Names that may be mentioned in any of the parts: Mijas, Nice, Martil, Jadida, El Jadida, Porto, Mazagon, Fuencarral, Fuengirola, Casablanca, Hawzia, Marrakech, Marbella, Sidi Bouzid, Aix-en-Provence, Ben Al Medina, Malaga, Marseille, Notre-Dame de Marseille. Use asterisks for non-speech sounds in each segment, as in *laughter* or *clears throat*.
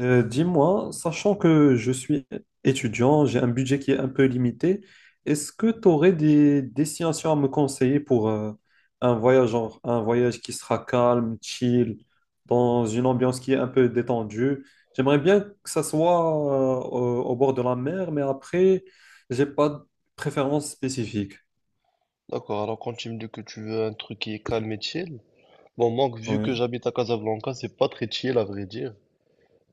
Dis-moi, sachant que je suis étudiant, j'ai un budget qui est un peu limité, est-ce que tu aurais des destinations à me conseiller pour un voyage, genre un voyage qui sera calme, chill, dans une ambiance qui est un peu détendue? J'aimerais bien que ça soit au bord de la mer, mais après, j'ai pas de préférence spécifique. D'accord, alors quand tu me dis que tu veux un truc qui est calme et chill, bon, moi, vu que Oui, j'habite à Casablanca, c'est pas très chill à vrai dire,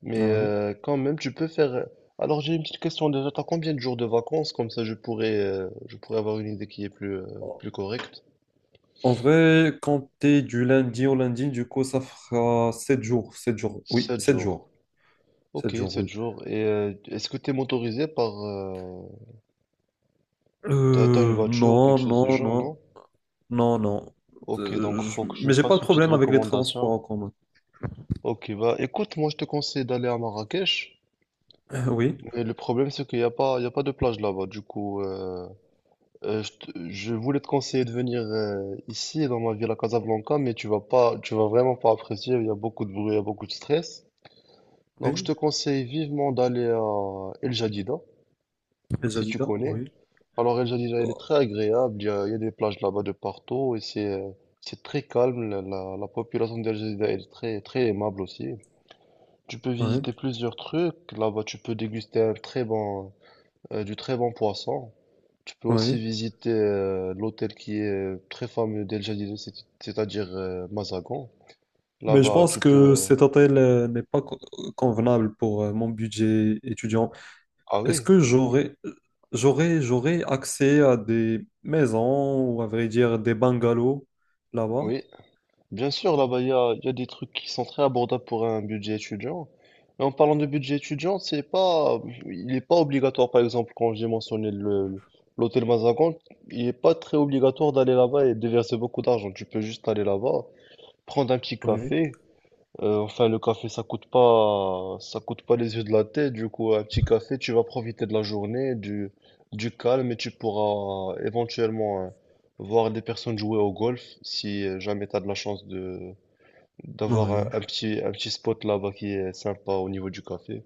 mais oui. Quand même, tu peux faire. Alors, j'ai une petite question déjà, t'as combien de jours de vacances? Comme ça, je pourrais avoir une idée qui est plus correcte. En vrai, compter du lundi au lundi, du coup, ça fera 7 jours, 7 jours, oui, 7 7 jours. jours, 7 Ok, jours, 7 oui. jours. Et est-ce que t'es motorisé par. T'as une voiture ou quelque Non, chose du non, genre, non, non? non, non. Ok, donc faut que je Mais j'ai pas fasse de une petite problème avec les transports recommandation. en commun. Ok, bah écoute, moi je te conseille d'aller à Marrakech. Oui, Mais le problème, c'est qu'il n'y a pas, il y a pas de plage là-bas. Du coup, je voulais te conseiller de venir ici, dans ma ville à Casablanca, mais tu vas pas, tu vas vraiment pas apprécier. Il y a beaucoup de bruit, il y a beaucoup de stress. Donc, je oui, te conseille vivement d'aller à El Jadida, les si tu Adidas, connais. oui, Alors, El Jadida, elle est très agréable. Il y a des plages là-bas de partout et c'est très calme. La population d'El Jadida, elle est très, très aimable aussi. Tu peux oui, visiter plusieurs trucs. Là-bas, tu peux déguster du très bon poisson. Tu peux aussi oui. visiter l'hôtel qui est très fameux d'El Jadid, c'est-à-dire Mazagon. Mais je Là-bas, pense tu que peux. cet hôtel n'est pas co- convenable pour mon budget étudiant. Ah Est-ce oui, que j'aurais accès à des maisons ou à vrai dire des bungalows là-bas? oui. Bien sûr, là-bas, il y a des trucs qui sont très abordables pour un budget étudiant. Mais en parlant de budget étudiant, c'est pas, il n'est pas obligatoire, par exemple, quand j'ai mentionné l'hôtel Mazagon, il n'est pas très obligatoire d'aller là-bas et de verser beaucoup d'argent. Tu peux juste aller là-bas, prendre un petit Oui, café. Enfin, le café, ça coûte pas les yeux de la tête. Du coup, un petit café, tu vas profiter de la journée, du calme et tu pourras éventuellement voir des personnes jouer au golf si jamais tu as de la chance de d'avoir un, oui, un petit, un petit spot là-bas qui est sympa au niveau du café.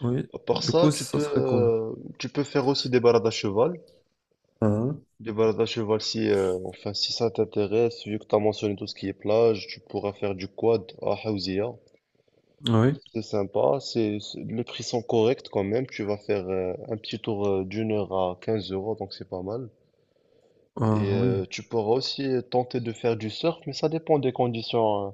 oui. À part Du ça, coup, tu ça peux, serait cool. euh, tu peux faire aussi des balades à cheval. Ah, Des balades à cheval si, enfin, si ça t'intéresse, vu que tu as mentionné tout ce qui est plage, tu pourras faire du quad à Hawzia. oui, C'est sympa, les prix sont corrects quand même. Tu vas faire un petit tour d'une heure à 15 euros, donc c'est pas mal. ah, Et oui. tu pourras aussi tenter de faire du surf, mais ça dépend des conditions, euh,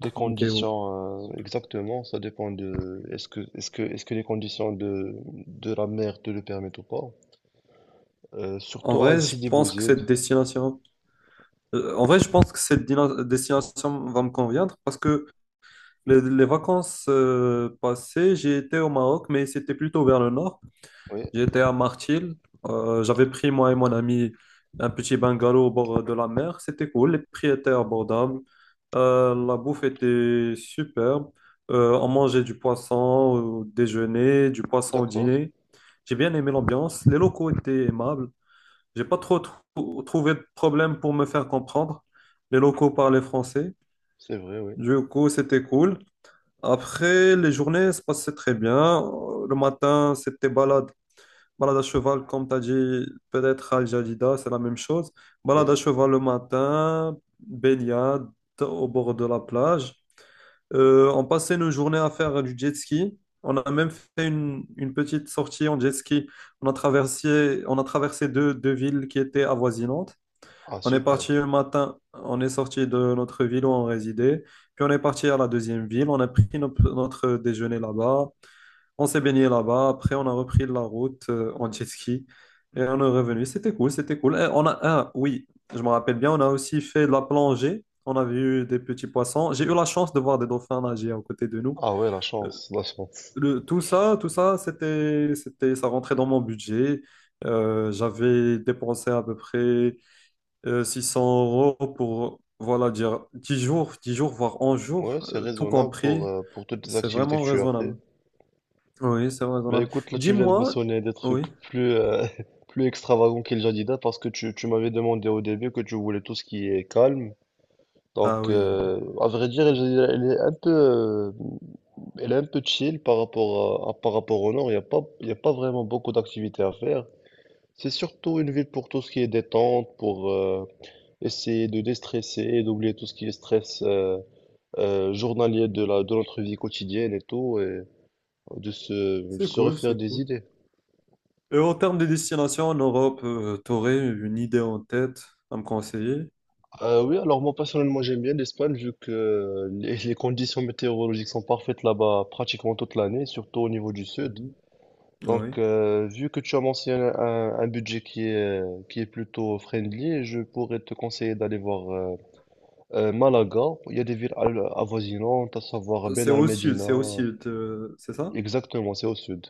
des Météo. conditions exactement. Ça dépend de est-ce que les conditions de la mer te le permettent ou pas. En Surtout à vrai, je Sidi pense que Bouzid. cette destination, en vrai, je pense que cette destination va me convenir parce que les vacances passées, j'ai été au Maroc, mais c'était plutôt vers le nord. Oui, J'étais à Martil. J'avais pris moi et mon ami un petit bungalow au bord de la mer. C'était cool. Les prix étaient abordables. La bouffe était superbe. On mangeait du poisson au déjeuner, du poisson au d'accord, dîner. J'ai bien aimé l'ambiance. Les locaux étaient aimables. J'ai pas trop trouvé de problème pour me faire comprendre. Les locaux parlaient français. c'est vrai, oui, Du coup, c'était cool. Après, les journées se passaient très bien. Le matin, c'était balade. Balade à cheval, comme tu as dit, peut-être à Jadida, c'est la même chose. Balade oui. à cheval le matin, baignade au bord de la plage. On passait nos journées à faire du jet ski. On a même fait une petite sortie en jet ski. On a traversé deux villes qui étaient avoisinantes. Ah On est super. parti le matin, on est sorti de notre ville où on résidait, puis on est parti à la deuxième ville, on a pris notre déjeuner là-bas, on s'est baigné là-bas, après on a repris la route en jet ski et on est revenu. C'était cool, c'était cool. Et on a, ah, oui, je me rappelle bien, on a aussi fait de la plongée, on a vu des petits poissons. J'ai eu la chance de voir des dauphins nager à côté de nous. Ah ouais, la Euh, chance, la chance. Tout ça, ça rentrait dans mon budget. J'avais dépensé à peu près. 600 € pour, voilà, dire 10 jours, 10 jours, voire 11 jours, Ouais, c'est tout raisonnable pour compris, euh, pour toutes les c'est activités que vraiment tu as raisonnable. fait. Oui, c'est Bah raisonnable. écoute, là tu viens de Dis-moi, mentionner des trucs oui, plus, *laughs* plus extravagants que le Jadida parce que tu m'avais demandé au début que tu voulais tout ce qui est calme. ah oui, À vrai dire, le Jadida, elle est un peu chill par rapport par rapport au nord. Il n'y a pas, il y a pas vraiment beaucoup d'activités à faire. C'est surtout une ville pour tout ce qui est détente, pour essayer de déstresser, et d'oublier tout ce qui est stress journalier de de notre vie quotidienne et tout, et de se, c'est se cool, refaire c'est des cool. idées. Et en termes de destination en Europe, tu aurais une idée en tête à me conseiller? Oui, alors moi personnellement j'aime bien l'Espagne vu que les conditions météorologiques sont parfaites là-bas pratiquement toute l'année, surtout au niveau du sud. Mhm. Oui. Vu que tu as mentionné un budget qui est plutôt friendly, je pourrais te conseiller d'aller voir Malaga. Il y a des villes avoisinantes, à savoir Ben C'est Al au sud, Medina. c'est au sud, c'est ça? Exactement, c'est au sud.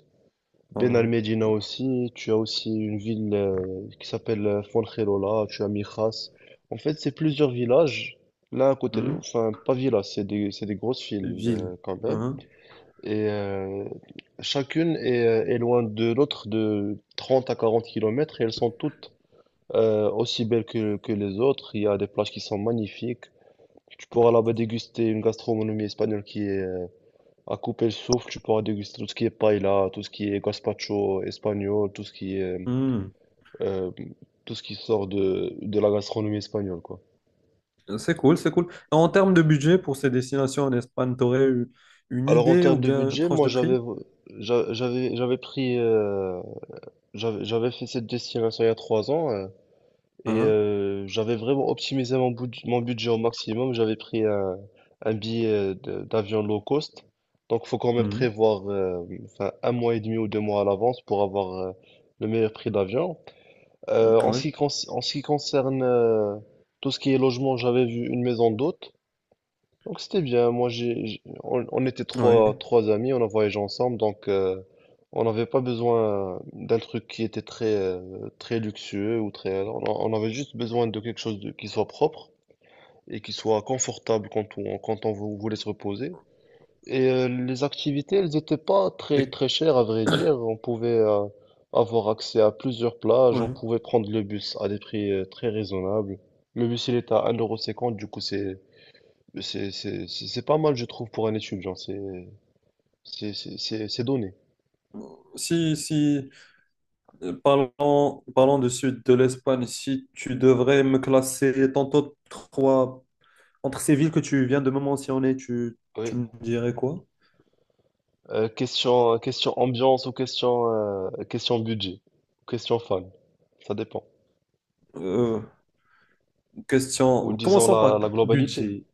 Ah Ben al oui. Medina aussi, tu as aussi une ville qui s'appelle Fuengirola, tu as Mijas. En fait, c'est plusieurs villages. Là, à côté, Mhm. enfin, pas villages, c'est des grosses villes Ville. Quand même. Mhm. Et chacune est loin de l'autre de 30 à 40 kilomètres et elles sont toutes aussi belles que les autres. Il y a des plages qui sont magnifiques. Tu pourras là-bas déguster une gastronomie espagnole qui est à couper le souffle, tu pourras déguster tout ce qui est paella, tout ce qui est gazpacho espagnol, tout ce qui est Mhm. euh, tout ce qui sort de la gastronomie espagnole, quoi. C'est cool, c'est cool. En termes de budget pour ces destinations en Espagne, t'aurais eu une Alors en idée ou termes de bien une budget, tranche moi de j'avais prix? j'a- j'avais j'avais pris j'avais j'avais fait cette destination il y a 3 ans et Hein. J'avais vraiment optimisé mon budget au maximum. J'avais pris un billet d'avion low cost, donc faut quand même Mhm. prévoir enfin, un mois et demi ou 2 mois à l'avance pour avoir le meilleur prix d'avion. En ce Ouais, qui, conc- en ce qui concerne tout ce qui est logement, j'avais vu une maison d'hôte. Donc c'était bien. Moi, on était ouais. trois amis, on a voyagé ensemble. On n'avait pas besoin d'un truc qui était très luxueux ou très. On avait juste besoin de quelque chose qui soit propre et qui soit confortable quand on voulait se reposer. Et les activités, elles n'étaient pas très Et- très chères à vrai dire. On pouvait avoir accès à plusieurs plages, on ouais. pouvait prendre le bus à des prix très raisonnables. Le bus, il est à 1,50€, du coup c'est pas mal je trouve pour un étudiant, c'est donné. Si, si, parlons du sud de l'Espagne, si tu devrais me classer tantôt trois, entre ces villes que tu viens de me mentionner, tu Oui. me dirais quoi? Question ambiance ou question budget, question fan, ça dépend. Euh, Ou disons commençons la par la globalité. budget.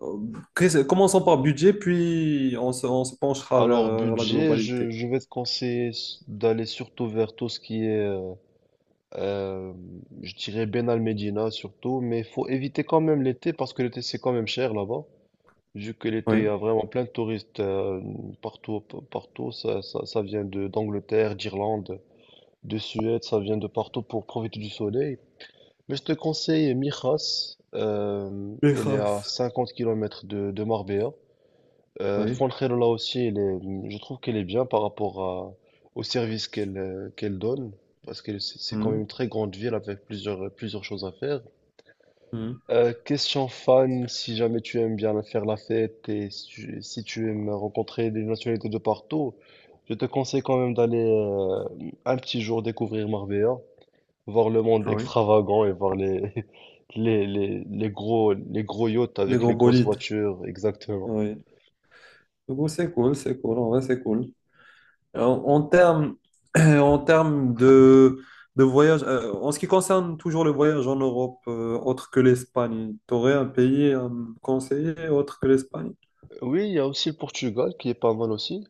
Euh, Commençons par budget, puis on on se penchera vers Alors la budget, je globalité. je vais te conseiller d'aller surtout vers tout ce qui est Euh, je dirais Ben Al Medina surtout, mais faut éviter quand même l'été parce que l'été c'est quand même cher là-bas. Vu que l'été il y Oui. a vraiment plein de touristes partout, ça vient de d'Angleterre, d'Irlande, de Suède, ça vient de partout pour profiter du soleil. Mais je te conseille Mijas, Les elle est à races. 50 km de Marbella. Oui. Fuencarral, là aussi, je trouve qu'elle est bien par rapport au service qu'elle donne, parce que c'est quand même Hmm, une très grande ville avec plusieurs, plusieurs choses à faire. hmm. Question fan, si jamais tu aimes bien faire la fête et si tu aimes rencontrer des nationalités de partout, je te conseille quand même d'aller un petit jour découvrir Marbella, voir le monde Ah oui. extravagant et voir les, *laughs* les gros yachts Des avec gros les grosses bolides. voitures, exactement. Oui. Du coup, c'est cool, c'est cool. En vrai, c'est cool. En, en termes, *clears throat* en termes de voyage, en ce qui concerne toujours le voyage en Europe, autre que l'Espagne, tu aurais un pays à me conseiller autre que l'Espagne? Oui, il y a aussi le Portugal qui est pas mal aussi.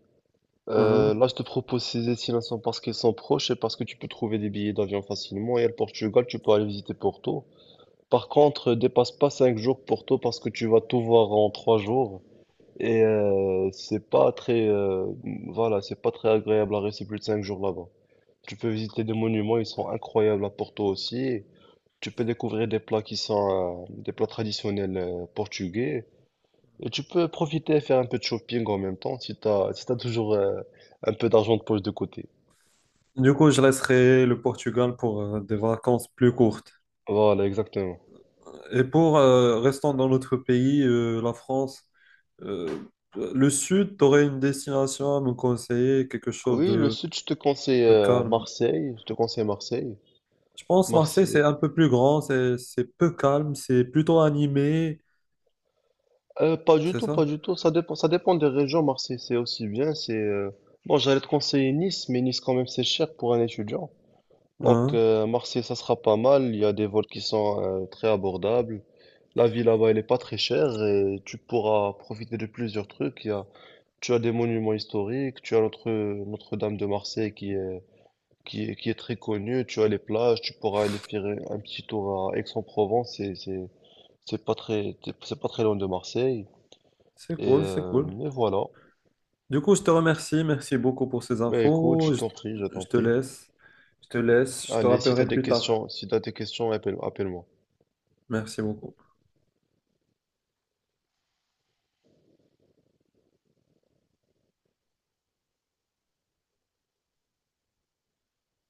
Mhm. Là, je te propose ces destinations parce qu'elles sont proches et parce que tu peux trouver des billets d'avion facilement. Et le Portugal, tu peux aller visiter Porto. Par contre, dépasse pas 5 jours Porto parce que tu vas tout voir en 3 jours. Et c'est pas très, voilà, c'est pas très agréable à rester plus de 5 jours là-bas. Tu peux visiter des monuments, ils sont incroyables à Porto aussi. Tu peux découvrir des plats qui sont des plats traditionnels portugais. Et tu peux profiter et faire un peu de shopping en même temps si t'as, toujours un peu d'argent de poche de côté. Du coup, je laisserai le Portugal pour des vacances plus courtes. Voilà, exactement. Et pour restant dans notre pays, la France, euh, le sud, tu aurais une destination à me conseiller, quelque chose Oui, le sud, je te conseille de calme. Marseille. Je te conseille Marseille. Je pense Marseille, c'est Marseille. un peu plus grand, c'est peu calme, c'est plutôt animé, Pas du c'est tout, pas ça? du tout. Ça dépend des régions. Marseille, c'est aussi bien. C'est bon, j'allais te conseiller Nice, mais Nice quand même c'est cher pour un étudiant. Hein? Marseille, ça sera pas mal. Il y a des vols qui sont très abordables. La vie là-bas, elle est pas très chère et tu pourras profiter de plusieurs trucs. Il y a Tu as des monuments historiques, tu as notre Notre-Dame de Marseille qui est très connue, tu as les plages, tu pourras aller faire un petit tour à Aix-en-Provence, c'est pas très, c'est pas très loin de Marseille. C'est Et, cool, c'est euh, cool. et voilà. Du coup, je te remercie, merci beaucoup pour ces Ben écoute, je infos. Je, t'en prie, je t'en je te prie. laisse, je te laisse, je te Allez, si t'as rappellerai des plus tard. questions, si t'as des questions, appelle, appelle-moi. Merci beaucoup.